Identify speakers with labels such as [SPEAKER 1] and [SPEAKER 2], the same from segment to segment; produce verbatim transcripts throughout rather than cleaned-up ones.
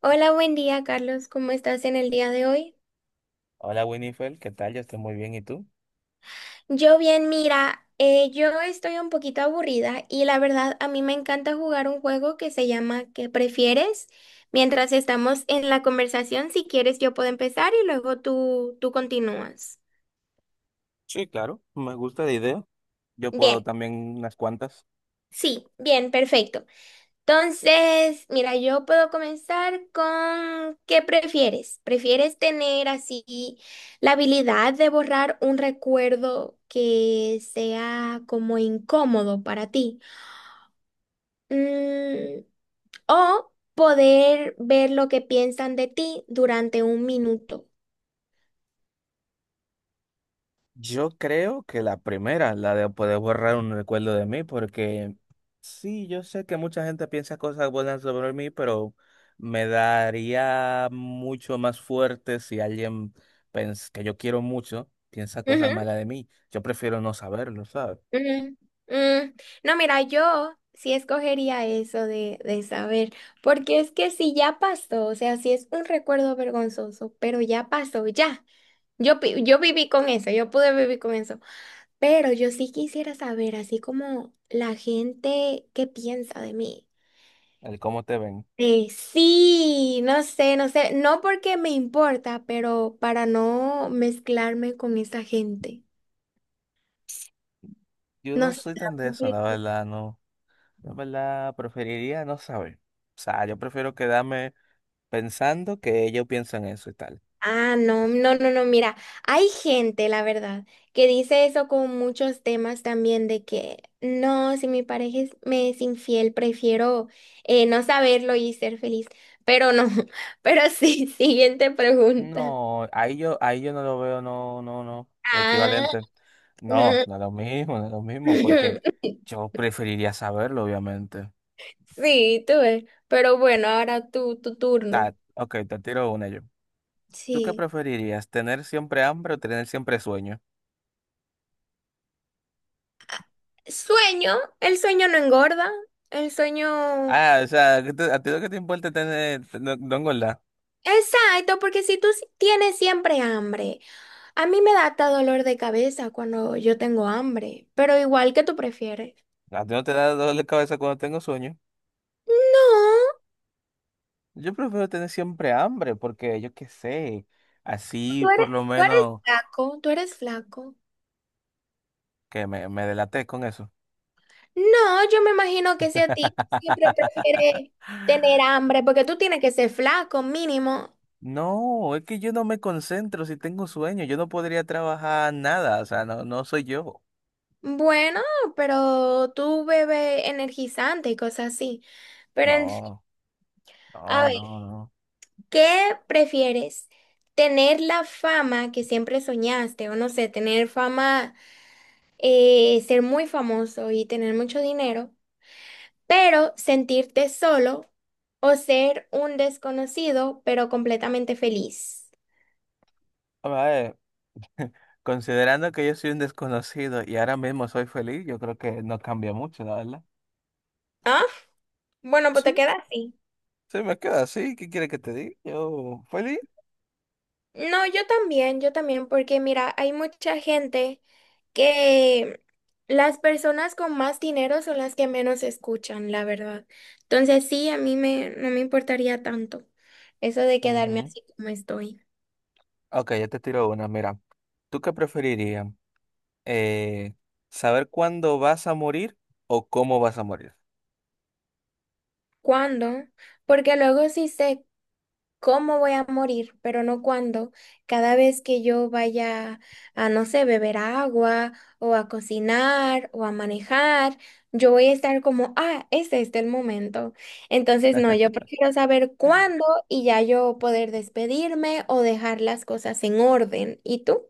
[SPEAKER 1] Hola, buen día, Carlos. ¿Cómo estás en el día de hoy?
[SPEAKER 2] Hola Winifred, ¿qué tal? Yo estoy muy bien, ¿y tú?
[SPEAKER 1] Yo bien, mira, eh, yo estoy un poquito aburrida y la verdad a mí me encanta jugar un juego que se llama ¿Qué prefieres? Mientras estamos en la conversación, si quieres yo puedo empezar y luego tú, tú continúas.
[SPEAKER 2] Sí, claro, me gusta la idea. Yo puedo
[SPEAKER 1] Bien.
[SPEAKER 2] también unas cuantas.
[SPEAKER 1] Sí, bien, perfecto. Entonces, mira, yo puedo comenzar con ¿qué prefieres? ¿Prefieres tener así la habilidad de borrar un recuerdo que sea como incómodo para ti? Mm, ¿O poder ver lo que piensan de ti durante un minuto?
[SPEAKER 2] Yo creo que la primera, la de poder borrar un recuerdo de mí, porque sí, yo sé que mucha gente piensa cosas buenas sobre mí, pero me daría mucho más fuerte si alguien pens- que yo quiero mucho piensa cosas malas de mí. Yo prefiero no saberlo, ¿sabes?
[SPEAKER 1] Mm. Mm. No, mira, yo sí escogería eso de, de saber, porque es que si ya pasó, o sea, si es un recuerdo vergonzoso, pero ya pasó, ya. Yo, pi- yo viví con eso, yo pude vivir con eso, pero yo sí quisiera saber, así como la gente, ¿qué piensa de mí?
[SPEAKER 2] El cómo te ven.
[SPEAKER 1] Eh, sí, no sé, no sé, no porque me importa, pero para no mezclarme con esa gente.
[SPEAKER 2] Yo
[SPEAKER 1] No
[SPEAKER 2] no
[SPEAKER 1] sé.
[SPEAKER 2] soy tan de eso, la verdad, no. Yo, en verdad, preferiría no saber. O sea, yo prefiero quedarme pensando que ellos piensan eso y tal.
[SPEAKER 1] Ah, no, no, no, no, mira, hay gente, la verdad, que dice eso con muchos temas también de que no, si mi pareja es- me es infiel, prefiero eh, no saberlo y ser feliz. Pero no, pero sí, siguiente pregunta.
[SPEAKER 2] No, ahí yo, ahí yo no lo veo, no, no, no,
[SPEAKER 1] Ah.
[SPEAKER 2] equivalente. No,
[SPEAKER 1] Ujú.
[SPEAKER 2] no es lo mismo, no es lo mismo, porque yo preferiría saberlo, obviamente.
[SPEAKER 1] Sí, tú ves. Pero bueno, ahora tú, tu turno.
[SPEAKER 2] Ta, ok, te tiro una yo. ¿Tú qué
[SPEAKER 1] Sí.
[SPEAKER 2] preferirías? ¿Tener siempre hambre o tener siempre sueño?
[SPEAKER 1] Sueño, el sueño no engorda, el sueño.
[SPEAKER 2] Ah, o sea, ¿qué te- ¿a ti lo que te importa es tener, no, no engordar?
[SPEAKER 1] Exacto, porque si tú si- tienes siempre hambre, a mí me da hasta dolor de cabeza cuando yo tengo hambre, pero igual que tú prefieres.
[SPEAKER 2] A ti no te da dolor de cabeza cuando tengo sueño.
[SPEAKER 1] No,
[SPEAKER 2] Yo prefiero tener siempre hambre porque yo qué sé, así
[SPEAKER 1] tú
[SPEAKER 2] por
[SPEAKER 1] eres,
[SPEAKER 2] lo
[SPEAKER 1] tú eres
[SPEAKER 2] menos
[SPEAKER 1] flaco, tú eres flaco.
[SPEAKER 2] que me, me delaté con eso.
[SPEAKER 1] No, yo me imagino que si a ti siempre prefieres tener hambre, porque tú tienes que ser flaco, mínimo.
[SPEAKER 2] No, es que yo no me concentro si tengo sueño, yo no podría trabajar nada, o sea, no, no soy yo.
[SPEAKER 1] Bueno, pero tú bebes energizante y cosas así. Pero en fin,
[SPEAKER 2] No,
[SPEAKER 1] a
[SPEAKER 2] no,
[SPEAKER 1] ver.
[SPEAKER 2] no, no.
[SPEAKER 1] ¿Qué prefieres? ¿Tener la fama que siempre soñaste o, no sé, tener fama, eh, ser muy famoso y tener mucho dinero, pero sentirte solo, o ser un desconocido pero completamente feliz?
[SPEAKER 2] A ver, considerando que yo soy un desconocido y ahora mismo soy feliz, yo creo que no cambia mucho, la verdad.
[SPEAKER 1] Ah, bueno, pues te
[SPEAKER 2] Sí,
[SPEAKER 1] quedas así.
[SPEAKER 2] se me queda así, ¿qué quiere que te diga? Yo, feliz.
[SPEAKER 1] No, yo también, yo también, porque mira, hay mucha gente que, las personas con más dinero son las que menos escuchan, la verdad. Entonces sí, a mí me, no me importaría tanto eso de quedarme
[SPEAKER 2] Ujú.
[SPEAKER 1] así como estoy.
[SPEAKER 2] Ok, ya te tiro una, mira. ¿Tú qué preferirías? eh, Saber cuándo vas a morir o cómo vas a morir.
[SPEAKER 1] ¿Cuándo? Porque luego sí se cómo voy a morir, pero no cuándo. Cada vez que yo vaya a, no sé, beber agua o a cocinar o a manejar, yo voy a estar como, ah, ¿es este el momento? Entonces, no, yo prefiero saber cuándo y ya yo poder despedirme o dejar las cosas en orden. ¿Y tú?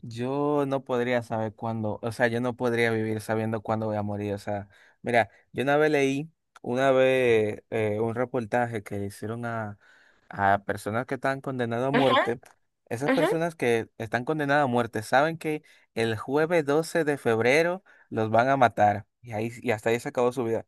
[SPEAKER 2] Yo no podría saber cuándo, o sea, yo no podría vivir sabiendo cuándo voy a morir. O sea, mira, yo una vez leí, una vez eh, un reportaje que le hicieron a, a personas que están condenadas a
[SPEAKER 1] Ajá.
[SPEAKER 2] muerte. Esas
[SPEAKER 1] Ajá.
[SPEAKER 2] personas que están condenadas a muerte saben que el jueves doce de febrero los van a matar. Y ahí, y hasta ahí se acabó su vida.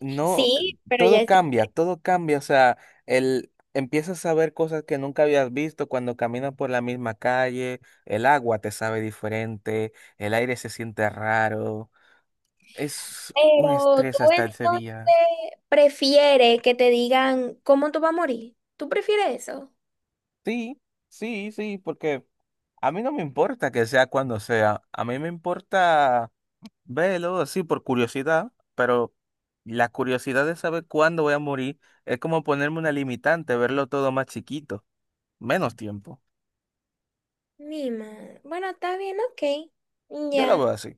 [SPEAKER 2] No,
[SPEAKER 1] Sí, pero ya
[SPEAKER 2] todo
[SPEAKER 1] está.
[SPEAKER 2] cambia, todo cambia, o sea, el, empiezas a ver cosas que nunca habías visto cuando caminas por la misma calle, el agua te sabe diferente, el aire se siente raro, es un
[SPEAKER 1] Pero tú
[SPEAKER 2] estrés hasta ese
[SPEAKER 1] entonces
[SPEAKER 2] día.
[SPEAKER 1] prefieres que te digan cómo tú vas a morir. ¿Tú prefieres eso?
[SPEAKER 2] Sí, sí, sí, porque a mí no me importa que sea cuando sea, a mí me importa verlo, sí, por curiosidad, pero la curiosidad de saber cuándo voy a morir es como ponerme una limitante, verlo todo más chiquito. Menos tiempo.
[SPEAKER 1] Mi madre. Bueno, está bien, ok.
[SPEAKER 2] Yo lo veo
[SPEAKER 1] Ya,
[SPEAKER 2] así.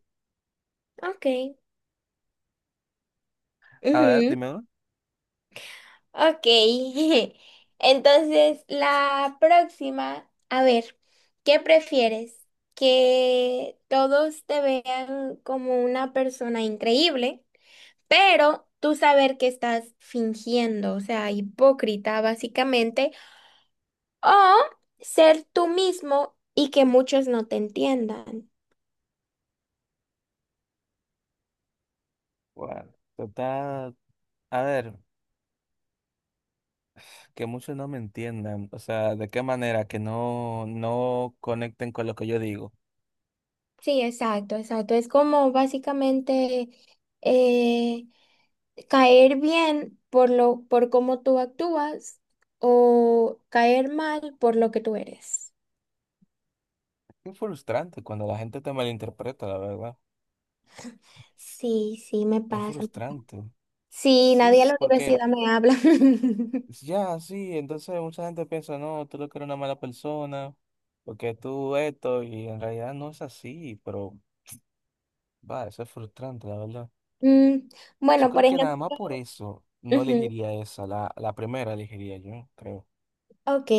[SPEAKER 1] ok.
[SPEAKER 2] A ver,
[SPEAKER 1] Ujú.
[SPEAKER 2] dime uno.
[SPEAKER 1] Ok. Entonces, la próxima, a ver, ¿qué prefieres? ¿Que todos te vean como una persona increíble, pero tú saber que estás fingiendo, o sea, hipócrita básicamente, o ser tú mismo y que muchos no te entiendan?
[SPEAKER 2] Bueno, total, a ver, que muchos no me entiendan, o sea, de qué manera que no, no conecten con lo que yo digo.
[SPEAKER 1] Sí, exacto, exacto. Es como básicamente, eh, caer bien por lo, por cómo tú actúas, o caer mal por lo que tú eres.
[SPEAKER 2] Es frustrante cuando la gente te malinterpreta, la verdad.
[SPEAKER 1] Sí, sí, me
[SPEAKER 2] Es
[SPEAKER 1] pasa.
[SPEAKER 2] frustrante.
[SPEAKER 1] Sí, nadie
[SPEAKER 2] Sí,
[SPEAKER 1] a la
[SPEAKER 2] porque
[SPEAKER 1] universidad me habla.
[SPEAKER 2] ya, sí, entonces mucha gente piensa, no, tú lo que eres una mala persona, porque tú esto, y en realidad no es así, pero va, eso es frustrante, la verdad.
[SPEAKER 1] Mm,
[SPEAKER 2] Yo
[SPEAKER 1] bueno,
[SPEAKER 2] creo
[SPEAKER 1] por
[SPEAKER 2] que nada
[SPEAKER 1] ejemplo.
[SPEAKER 2] más por eso no
[SPEAKER 1] Ujú.
[SPEAKER 2] elegiría esa, la, la primera elegiría yo, creo.
[SPEAKER 1] Ok,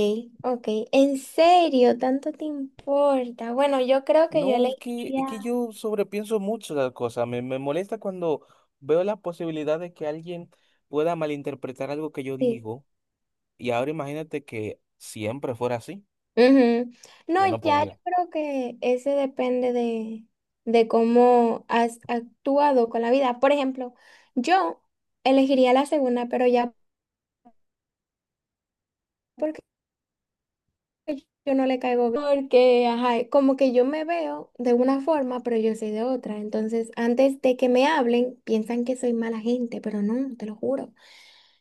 [SPEAKER 1] ok. ¿En serio? ¿Tanto te importa? Bueno, yo creo que yo
[SPEAKER 2] No, es que, es que
[SPEAKER 1] elegiría,
[SPEAKER 2] yo sobrepienso mucho las cosas. Me, me molesta cuando veo la posibilidad de que alguien pueda malinterpretar algo que yo
[SPEAKER 1] sí.
[SPEAKER 2] digo. Y ahora imagínate que siempre fuera así.
[SPEAKER 1] Ujú. No,
[SPEAKER 2] Yo no
[SPEAKER 1] ya yo
[SPEAKER 2] podría.
[SPEAKER 1] creo que ese depende de, de cómo has actuado con la vida. Por ejemplo, yo elegiría la segunda, pero ya porque yo no le caigo bien, porque, ajá, como que yo me veo de una forma, pero yo soy de otra. Entonces, antes de que me hablen, piensan que soy mala gente, pero no, te lo juro.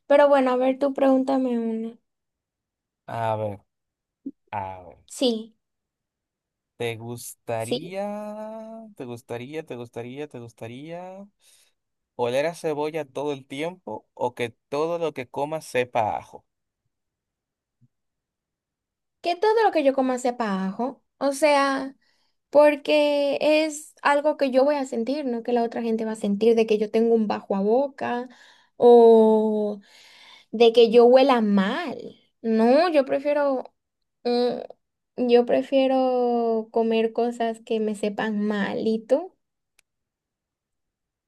[SPEAKER 1] Pero bueno, a ver, tú pregúntame una.
[SPEAKER 2] A ver, a ver.
[SPEAKER 1] Sí,
[SPEAKER 2] ¿Te
[SPEAKER 1] sí.
[SPEAKER 2] gustaría, te gustaría, te gustaría, te gustaría oler a cebolla todo el tiempo o que todo lo que comas sepa a ajo?
[SPEAKER 1] Que todo lo que yo coma sepa ajo. O sea. Porque es algo que yo voy a sentir, no que la otra gente va a sentir de que yo tengo un bajo a boca o de que yo huela mal. No, yo prefiero, mm, yo prefiero comer cosas que me sepan mal. ¿Y tú?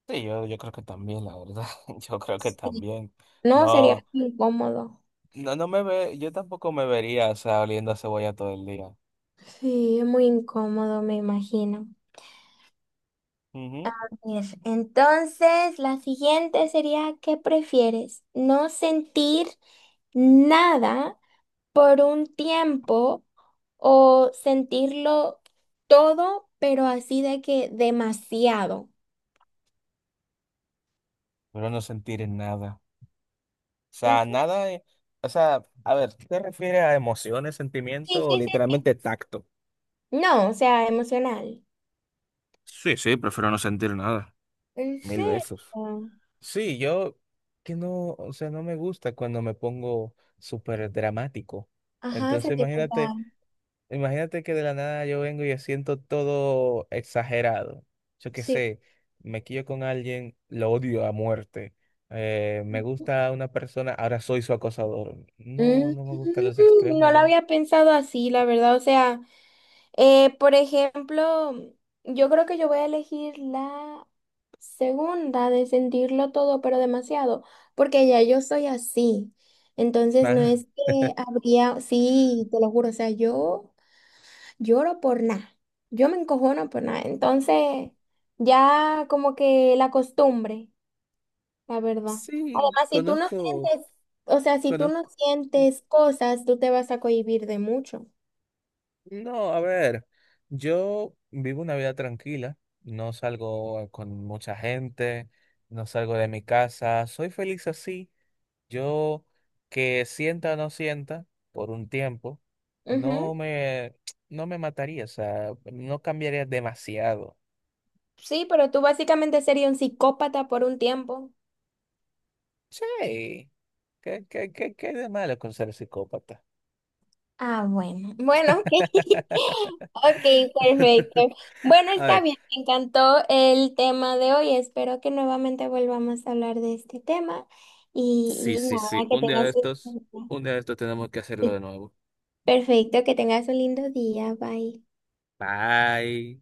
[SPEAKER 2] Sí, yo, yo creo que también, la verdad. Yo creo que
[SPEAKER 1] Sí.
[SPEAKER 2] también.
[SPEAKER 1] No, sería
[SPEAKER 2] No,
[SPEAKER 1] incómodo.
[SPEAKER 2] no, no me ve, yo tampoco me vería, o sea, oliendo a cebolla todo el día.
[SPEAKER 1] Sí, es muy incómodo, me imagino.
[SPEAKER 2] Ujú.
[SPEAKER 1] Ver. Entonces, la siguiente sería, ¿qué prefieres? ¿No sentir nada por un tiempo, o sentirlo todo, pero así de que demasiado?
[SPEAKER 2] Pero no sentir nada. O
[SPEAKER 1] ¿En
[SPEAKER 2] sea,
[SPEAKER 1] serio?
[SPEAKER 2] nada, eh, o sea, a ver, ¿qué ¿te refieres a emociones,
[SPEAKER 1] Sí,
[SPEAKER 2] sentimiento o
[SPEAKER 1] sí, sí, sí.
[SPEAKER 2] literalmente tacto?
[SPEAKER 1] No, o sea, emocional.
[SPEAKER 2] Sí, sí, prefiero no sentir nada.
[SPEAKER 1] ¿En
[SPEAKER 2] Mil besos.
[SPEAKER 1] serio?
[SPEAKER 2] Sí, yo que no, o sea, no me gusta cuando me pongo súper dramático.
[SPEAKER 1] Ajá,
[SPEAKER 2] Entonces, imagínate.
[SPEAKER 1] sentimental.
[SPEAKER 2] Imagínate que de la nada yo vengo y yo siento todo exagerado. Yo qué
[SPEAKER 1] Sí.
[SPEAKER 2] sé, me quillo con alguien, lo odio a muerte. Eh, me gusta una persona, ahora soy su acosador. No,
[SPEAKER 1] Mm,
[SPEAKER 2] no me gustan los
[SPEAKER 1] no
[SPEAKER 2] extremos,
[SPEAKER 1] lo
[SPEAKER 2] ¿no?
[SPEAKER 1] había pensado así, la verdad, o sea. Eh, por ejemplo, yo creo que yo voy a elegir la segunda, de sentirlo todo, pero demasiado, porque ya yo soy así. Entonces no
[SPEAKER 2] Ah,
[SPEAKER 1] es que habría, sí, te lo juro, o sea, yo lloro por nada, yo me encojono por nada. Entonces, ya como que la costumbre, la verdad.
[SPEAKER 2] sí,
[SPEAKER 1] Además, si tú no
[SPEAKER 2] conozco,
[SPEAKER 1] sientes, o sea, si tú
[SPEAKER 2] conozco.
[SPEAKER 1] no sientes cosas, tú te vas a cohibir de mucho.
[SPEAKER 2] No, a ver, yo vivo una vida tranquila, no salgo con mucha gente, no salgo de mi casa, soy feliz así. Yo que sienta o no sienta por un tiempo, no me, no me mataría, o sea, no cambiaría demasiado.
[SPEAKER 1] Sí, pero tú básicamente serías un psicópata por un tiempo.
[SPEAKER 2] Sí, ¿qué, qué, qué, qué de malo con ser psicópata?
[SPEAKER 1] Ah, bueno. Bueno, ok. Ok, perfecto. Bueno,
[SPEAKER 2] A
[SPEAKER 1] está
[SPEAKER 2] ver,
[SPEAKER 1] bien. Me encantó el tema de hoy. Espero que nuevamente volvamos a hablar de este tema.
[SPEAKER 2] sí,
[SPEAKER 1] Y, y
[SPEAKER 2] sí, sí,
[SPEAKER 1] nada, que
[SPEAKER 2] un día de
[SPEAKER 1] tengas
[SPEAKER 2] estos,
[SPEAKER 1] un...
[SPEAKER 2] un día de estos tenemos que hacerlo de
[SPEAKER 1] sí,
[SPEAKER 2] nuevo.
[SPEAKER 1] perfecto, que tengas un lindo día. Bye.
[SPEAKER 2] Bye.